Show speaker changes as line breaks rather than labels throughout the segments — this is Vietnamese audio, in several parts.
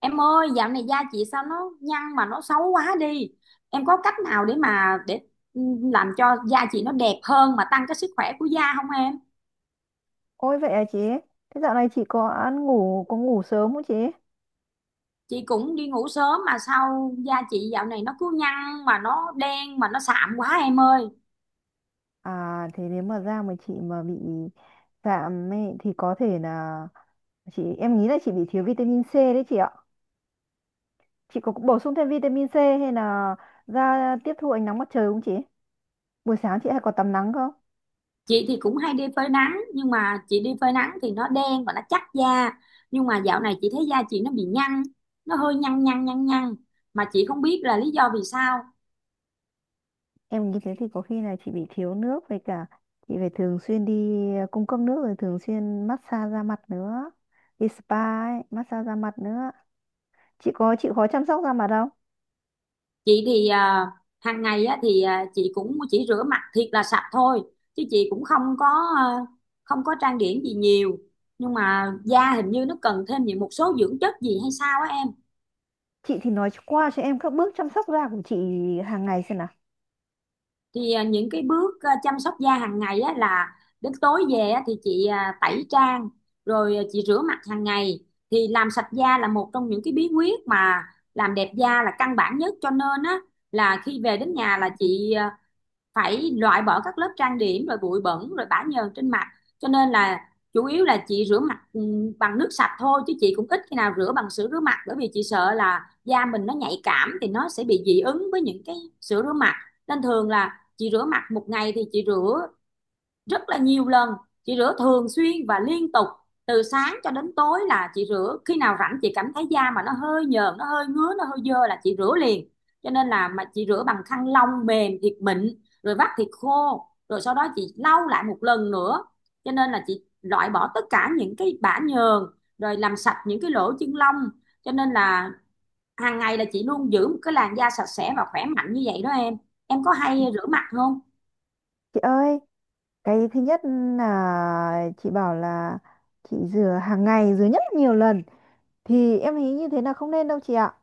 Em ơi, dạo này da chị sao nó nhăn mà nó xấu quá đi. Em có cách nào để ừ, làm cho da chị nó đẹp hơn mà tăng cái sức khỏe của da không em?
Ôi vậy à chị? Thế dạo này chị có ăn ngủ có ngủ sớm không chị?
Chị cũng đi ngủ sớm mà sao da chị dạo này nó cứ nhăn mà nó đen mà nó sạm quá em ơi.
À thế nếu mà da mà chị mà bị giảm ấy, thì có thể là em nghĩ là chị bị thiếu vitamin C đấy chị ạ. Chị có bổ sung thêm vitamin C hay là da tiếp thu ánh nắng mặt trời không chị? Buổi sáng chị hay có tắm nắng không?
Chị thì cũng hay đi phơi nắng nhưng mà chị đi phơi nắng thì nó đen và nó chắc da. Nhưng mà dạo này chị thấy da chị nó bị nhăn, nó hơi nhăn nhăn nhăn nhăn mà chị không biết là lý do vì sao.
Em nghĩ thế thì có khi là chị bị thiếu nước với cả chị phải thường xuyên đi cung cấp nước rồi thường xuyên massage da mặt nữa. Đi spa ấy, massage da mặt nữa. Chị có chịu khó chăm sóc da mặt không?
Chị thì hàng ngày á, chị cũng chỉ rửa mặt thiệt là sạch thôi chứ chị cũng không có à, không có trang điểm gì nhiều nhưng mà da hình như nó cần thêm những một số dưỡng chất gì hay sao á em.
Chị thì nói qua cho em các bước chăm sóc da của chị hàng ngày xem nào.
Những cái bước chăm sóc da hàng ngày á, là đến tối về á, thì chị tẩy trang rồi chị rửa mặt hàng ngày, thì làm sạch da là một trong những cái bí quyết mà làm đẹp da là căn bản nhất, cho nên á là khi về đến nhà là chị phải loại bỏ các lớp trang điểm rồi bụi bẩn rồi bã nhờn trên mặt, cho nên là chủ yếu là chị rửa mặt bằng nước sạch thôi chứ chị cũng ít khi nào rửa bằng sữa rửa mặt, bởi vì chị sợ là da mình nó nhạy cảm thì nó sẽ bị dị ứng với những cái sữa rửa mặt, nên thường là chị rửa mặt một ngày thì chị rửa rất là nhiều lần, chị rửa thường xuyên và liên tục từ sáng cho đến tối, là chị rửa khi nào rảnh chị cảm thấy da mà nó hơi nhờn nó hơi ngứa nó hơi dơ là chị rửa liền, cho nên là mà chị rửa bằng khăn lông mềm thiệt mịn rồi vắt thiệt khô rồi sau đó chị lau lại một lần nữa, cho nên là chị loại bỏ tất cả những cái bã nhờn rồi làm sạch những cái lỗ chân lông, cho nên là hàng ngày là chị luôn giữ một cái làn da sạch sẽ và khỏe mạnh như vậy đó em. Em có hay rửa mặt không?
Chị ơi, cái thứ nhất là chị bảo là chị rửa hàng ngày, rửa nhất là nhiều lần. Thì em thấy như thế là không nên đâu chị ạ.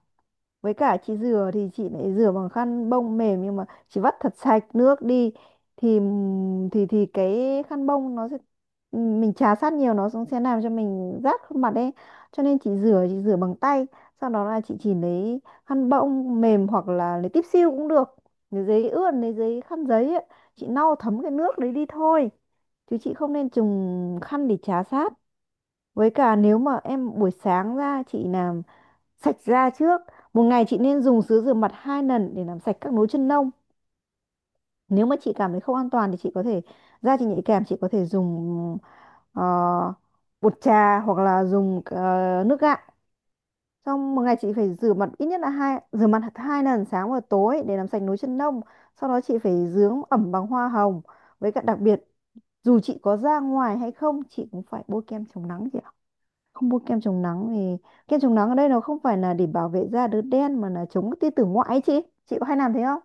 Với cả chị rửa thì chị lại rửa bằng khăn bông mềm nhưng mà chị vắt thật sạch nước đi thì thì cái khăn bông nó sẽ mình chà sát nhiều nó cũng sẽ làm cho mình rát khuôn mặt ấy cho nên chị rửa bằng tay, sau đó là chị chỉ lấy khăn bông mềm hoặc là lấy tiếp siêu cũng được, lấy giấy ướt lấy giấy khăn giấy ấy. Chị lau thấm cái nước đấy đi thôi chứ chị không nên dùng khăn để chà sát. Với cả nếu mà em buổi sáng ra chị làm sạch da trước, một ngày chị nên dùng sữa rửa mặt hai lần để làm sạch các nốt chân lông. Nếu mà chị cảm thấy không an toàn thì chị có thể da chị nhạy cảm chị có thể dùng ờ, bột trà hoặc là dùng nước gạo. Xong một ngày chị phải rửa mặt ít nhất là rửa mặt hai lần sáng và tối để làm sạch nốt chân lông. Sau đó chị phải dưỡng ẩm bằng hoa hồng. Với cả đặc biệt dù chị có ra ngoài hay không chị cũng phải bôi kem chống nắng chị ạ, không mua kem chống nắng vì kem chống nắng ở đây nó không phải là để bảo vệ da đốm đen mà là chống tia tử ngoại ấy chị. Chị có hay làm thế không?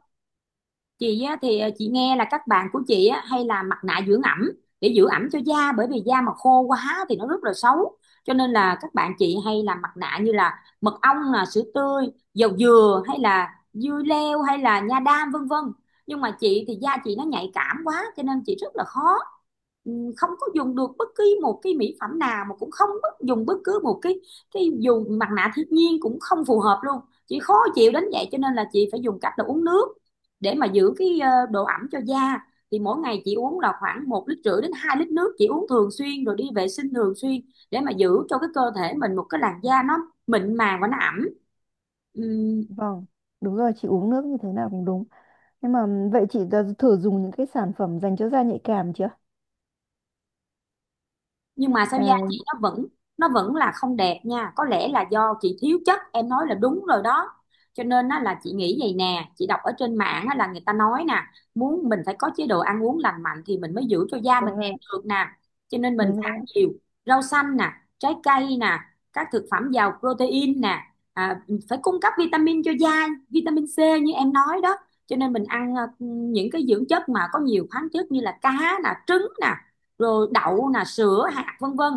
Chị á, thì chị nghe là các bạn của chị á, hay làm mặt nạ dưỡng ẩm để giữ ẩm cho da bởi vì da mà khô quá thì nó rất là xấu, cho nên là các bạn chị hay làm mặt nạ như là mật ong, là sữa tươi, dầu dừa, hay là dưa leo, hay là nha đam vân vân. Nhưng mà chị thì da chị nó nhạy cảm quá cho nên chị rất là khó, ừ, không có dùng được bất cứ một cái mỹ phẩm nào mà cũng không dùng bất cứ một cái dù mặt nạ thiên nhiên cũng không phù hợp luôn, chị khó chịu đến vậy. Cho nên là chị phải dùng cách là uống nước để mà giữ cái độ ẩm cho da, thì mỗi ngày chị uống là khoảng 1,5 lít đến 2 lít nước, chị uống thường xuyên rồi đi vệ sinh thường xuyên để mà giữ cho cái cơ thể mình một cái làn da nó mịn màng và nó ẩm. Ừm,
Vâng, đúng rồi, chị uống nước như thế nào cũng đúng nhưng mà vậy chị đã thử dùng những cái sản phẩm dành cho da nhạy cảm chưa?
nhưng mà sao da
à,
chị nó vẫn là không đẹp nha, có lẽ là do chị thiếu chất, em nói là đúng rồi đó. Cho nên á, là chị nghĩ vậy nè, chị đọc ở trên mạng á, là người ta nói nè muốn mình phải có chế độ ăn uống lành mạnh thì mình mới giữ cho da mình
đúng rồi,
đẹp được nè, cho nên mình
đúng
phải
rồi.
ăn nhiều rau xanh nè, trái cây nè, các thực phẩm giàu protein nè, à, phải cung cấp vitamin cho da, vitamin C như em nói đó, cho nên mình ăn những cái dưỡng chất mà có nhiều khoáng chất như là cá nè, trứng nè, rồi đậu nè, sữa hạt vân vân,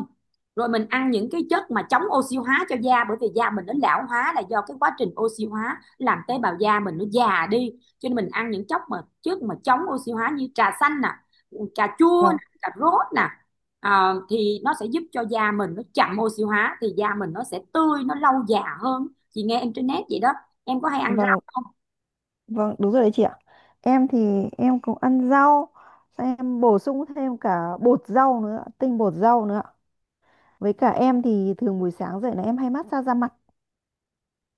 rồi mình ăn những cái chất mà chống oxy hóa cho da bởi vì da mình nó lão hóa là do cái quá trình oxy hóa làm tế bào da mình nó già đi, cho nên mình ăn những chất mà chống oxy hóa như trà xanh nè, cà chua nè,
Vâng,
cà rốt nè. Thì nó sẽ giúp cho da mình nó chậm oxy hóa thì da mình nó sẽ tươi, nó lâu già hơn. Chị nghe em trên net vậy đó. Em có hay ăn rau
vâng,
không?
vâng, đúng rồi đấy chị ạ. Em thì em cũng ăn rau, xong em bổ sung thêm cả bột rau nữa, tinh bột rau nữa. Với cả em thì thường buổi sáng dậy là em hay massage da mặt,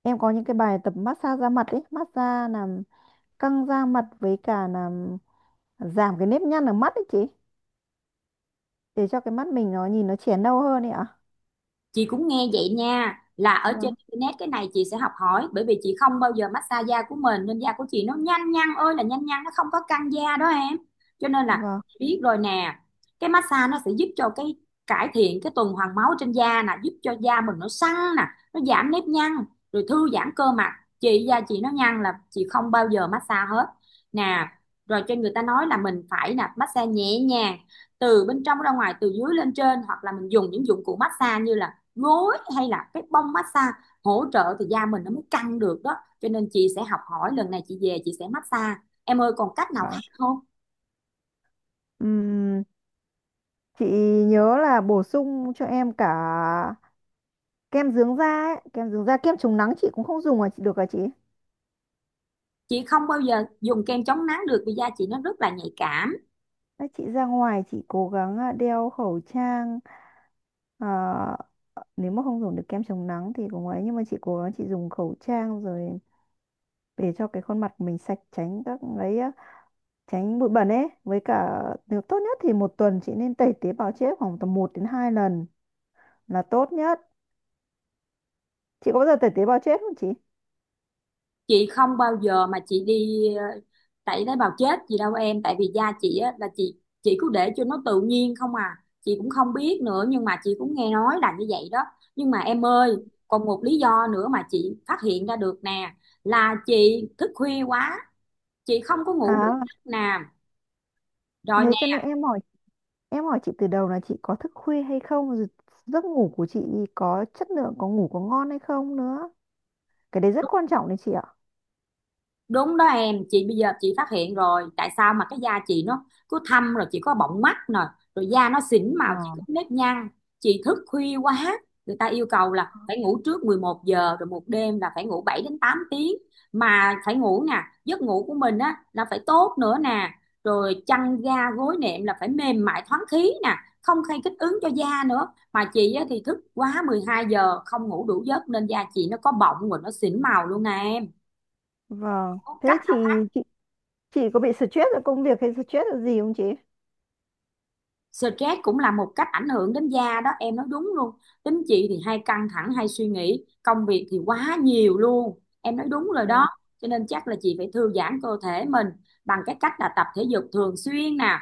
em có những cái bài tập massage da mặt ấy, massage làm căng da mặt với cả là giảm cái nếp nhăn ở mắt ấy chị, để cho cái mắt mình nó nhìn nó trẻ nâu hơn ấy ạ.
Chị cũng nghe vậy nha, là ở trên
Vâng,
internet, cái này chị sẽ học hỏi bởi vì chị không bao giờ massage da của mình nên da của chị nó nhanh nhăn ơi là nhanh nhăn, nó không có căng da đó em. Cho nên là
vâng,
chị biết rồi nè, cái massage nó sẽ giúp cho cái cải thiện cái tuần hoàn máu trên da nè, giúp cho da mình nó săn nè, nó giảm nếp nhăn, rồi thư giãn cơ mặt. Chị da chị nó nhăn là chị không bao giờ massage hết nè, rồi cho người ta nói là mình phải là massage nhẹ nhàng từ bên trong ra ngoài, từ dưới lên trên, hoặc là mình dùng những dụng cụ massage như là gối hay là cái bông massage hỗ trợ thì da mình nó mới căng được đó. Cho nên chị sẽ học hỏi, lần này chị về chị sẽ massage. Em ơi, còn cách nào khác
vâng.
không?
Ừm, chị nhớ là bổ sung cho em cả kem dưỡng da ấy. Kem dưỡng da, kem chống nắng chị cũng không dùng à chị, được à chị?
Chị không bao giờ dùng kem chống nắng được vì da chị nó rất là nhạy cảm.
Đấy, chị ra ngoài chị cố gắng đeo khẩu trang. Ờ, Nếu mà không dùng được kem chống nắng thì cũng ấy, nhưng mà chị cố gắng chị dùng khẩu trang rồi để cho cái khuôn mặt mình sạch, tránh các ấy á. Tránh bụi bẩn ấy, với cả nếu tốt nhất thì một tuần chị nên tẩy tế bào chết khoảng tầm một đến 2 lần là tốt nhất. Chị có bao giờ tẩy tế bào chết không chị?
Chị không bao giờ mà chị đi tẩy tế bào chết gì đâu em, tại vì da chị á, là chị cứ để cho nó tự nhiên không à, chị cũng không biết nữa nhưng mà chị cũng nghe nói là như vậy đó. Nhưng mà em ơi, còn một lý do nữa mà chị phát hiện ra được nè, là chị thức khuya quá, chị không có ngủ đủ
à
giấc nào rồi.
Thế cho nên em hỏi, em hỏi chị từ đầu là chị có thức khuya hay không rồi giấc ngủ của chị có chất lượng, có ngủ có ngon hay không nữa. Cái đấy rất quan trọng đấy chị ạ.
Đúng đó em, chị bây giờ chị phát hiện rồi, tại sao mà cái da chị nó cứ thâm, rồi chị có bọng mắt nè, rồi da nó xỉn
Ờ,
màu, chị có nếp nhăn, chị thức khuya quá, người ta yêu cầu là phải ngủ trước 11 giờ, rồi một đêm là phải ngủ 7 đến 8 tiếng mà phải ngủ nè, giấc ngủ của mình á là phải tốt nữa nè, rồi chăn ga gối nệm là phải mềm mại thoáng khí nè, không gây kích ứng cho da nữa. Mà chị á thì thức quá 12 giờ không ngủ đủ giấc nên da chị nó có bọng rồi nó xỉn màu luôn nè em.
vâng.
Có cách.
Thế chị chị có bị stress ở công việc hay stress ở gì không chị?
Stress cũng là một cách ảnh hưởng đến da đó, em nói đúng luôn. Tính chị thì hay căng thẳng, hay suy nghĩ, công việc thì quá nhiều luôn. Em nói đúng rồi
Đấy ạ.
đó. Cho nên chắc là chị phải thư giãn cơ thể mình bằng cái cách là tập thể dục thường xuyên nè,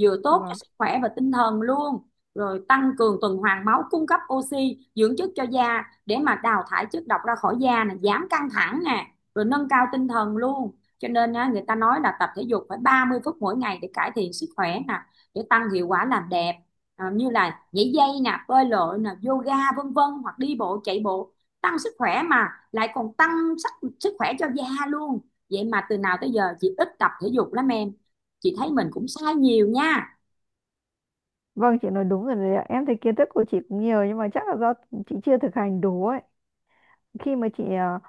vừa tốt cho
Vâng.
sức khỏe và tinh thần luôn. Rồi tăng cường tuần hoàn máu, cung cấp oxy, dưỡng chất cho da để mà đào thải chất độc ra khỏi da nè, giảm căng thẳng nè, rồi nâng cao tinh thần luôn. Cho nên á, người ta nói là tập thể dục phải 30 phút mỗi ngày để cải thiện sức khỏe nè, để tăng hiệu quả làm đẹp, như là nhảy dây nè, bơi lội nè, yoga vân vân, hoặc đi bộ chạy bộ, tăng sức khỏe mà lại còn tăng sức khỏe cho da luôn. Vậy mà từ nào tới giờ chị ít tập thể dục lắm em, chị thấy mình cũng sai nhiều nha.
Vâng, chị nói đúng rồi đấy ạ. Em thấy kiến thức của chị cũng nhiều nhưng mà chắc là do chị chưa thực hành đủ ấy. Khi mà chị à,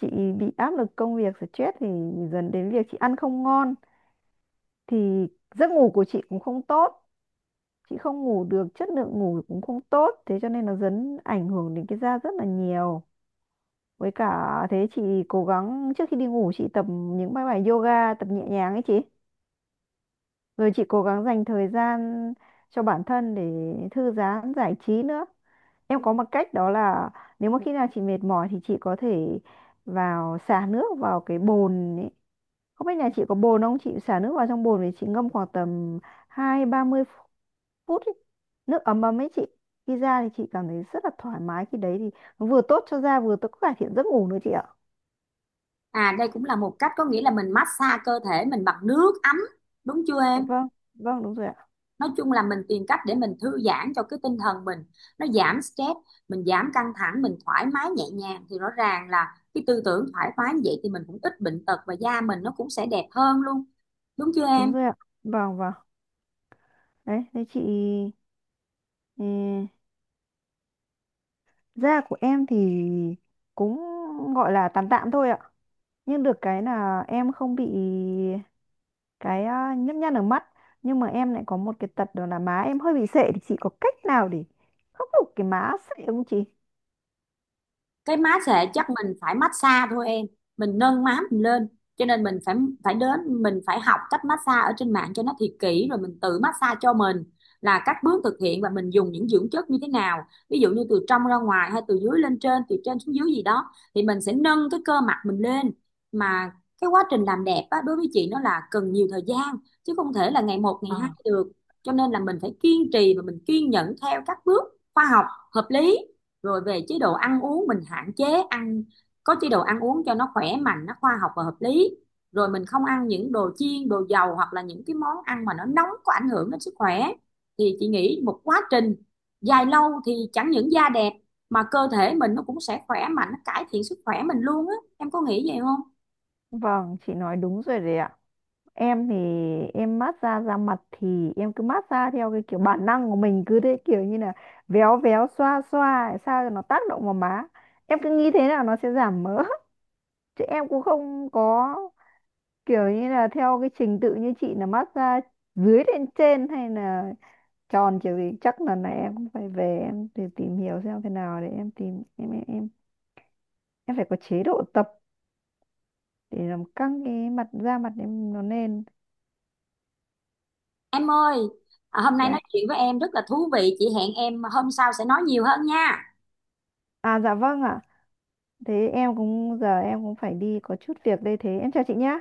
chị bị áp lực công việc stress thì dần đến việc chị ăn không ngon thì giấc ngủ của chị cũng không tốt, chị không ngủ được, chất lượng ngủ cũng không tốt, thế cho nên nó dần ảnh hưởng đến cái da rất là nhiều. Với cả thế chị cố gắng trước khi đi ngủ chị tập những bài bài yoga, tập nhẹ nhàng ấy chị, rồi chị cố gắng dành thời gian cho bản thân để thư giãn giải trí nữa. Em có một cách đó là nếu mà khi nào chị mệt mỏi thì chị có thể vào xả nước vào cái bồn ấy. Không biết nhà chị có bồn không? Chị xả nước vào trong bồn thì chị ngâm khoảng tầm 20-30 phút ý. Nước ấm ấm ấy chị. Khi ra thì chị cảm thấy rất là thoải mái, khi đấy thì nó vừa tốt cho da, vừa tốt cải thiện giấc ngủ nữa chị ạ.
À đây cũng là một cách, có nghĩa là mình massage cơ thể mình bằng nước ấm, đúng chưa
Dạ
em?
vâng, vâng đúng rồi ạ.
Nói chung là mình tìm cách để mình thư giãn cho cái tinh thần mình, nó giảm stress, mình giảm căng thẳng, mình thoải mái nhẹ nhàng thì rõ ràng là cái tư tưởng thoải mái như vậy thì mình cũng ít bệnh tật và da mình nó cũng sẽ đẹp hơn luôn, đúng chưa
Đúng
em?
rồi ạ. Vâng, vâng. Đấy, thế chị ừ, da của em thì cũng gọi là tạm tạm thôi ạ. Nhưng được cái là em không bị cái nhấp nhăn ở mắt, nhưng mà em lại có một cái tật đó là má em hơi bị sệ, thì chị có cách nào để khắc phục cái má sệ không chị?
Cái má xệ chắc mình phải massage thôi em, mình nâng má mình lên, cho nên mình phải học cách massage ở trên mạng cho nó thiệt kỹ rồi mình tự massage cho mình là các bước thực hiện và mình dùng những dưỡng chất như thế nào, ví dụ như từ trong ra ngoài hay từ dưới lên trên, từ trên xuống dưới gì đó thì mình sẽ nâng cái cơ mặt mình lên. Mà cái quá trình làm đẹp á, đối với chị nó là cần nhiều thời gian chứ không thể là ngày một ngày
Ờ.
hai được. Cho nên là mình phải kiên trì và mình kiên nhẫn theo các bước khoa học hợp lý, rồi về chế độ ăn uống mình hạn chế ăn, có chế độ ăn uống cho nó khỏe mạnh, nó khoa học và hợp lý, rồi mình không ăn những đồ chiên đồ dầu hoặc là những cái món ăn mà nó nóng có ảnh hưởng đến sức khỏe, thì chị nghĩ một quá trình dài lâu thì chẳng những da đẹp mà cơ thể mình nó cũng sẽ khỏe mạnh, nó cải thiện sức khỏe mình luôn á, em có nghĩ vậy không?
Vâng, chị nói đúng rồi đấy ạ. Em thì em mát xa da mặt thì em cứ mát xa theo cái kiểu bản năng của mình, cứ thế, kiểu như là véo véo xoa xoa để sao cho nó tác động vào má. Em cứ nghĩ thế nào nó sẽ giảm mỡ. Chứ em cũng không có kiểu như là theo cái trình tự như chị là mát xa dưới lên trên hay là tròn kiểu gì. Chắc lần này em cũng phải về em để tìm hiểu xem thế nào để em tìm em phải có chế độ tập để làm căng cái da mặt em nó lên.
Em ơi, hôm nay
Dạ.
nói chuyện với em rất là thú vị, chị hẹn em hôm sau sẽ nói nhiều hơn nha.
Dạ vâng ạ. Thế em cũng giờ em cũng phải đi có chút việc đây, thế em chào chị nhá.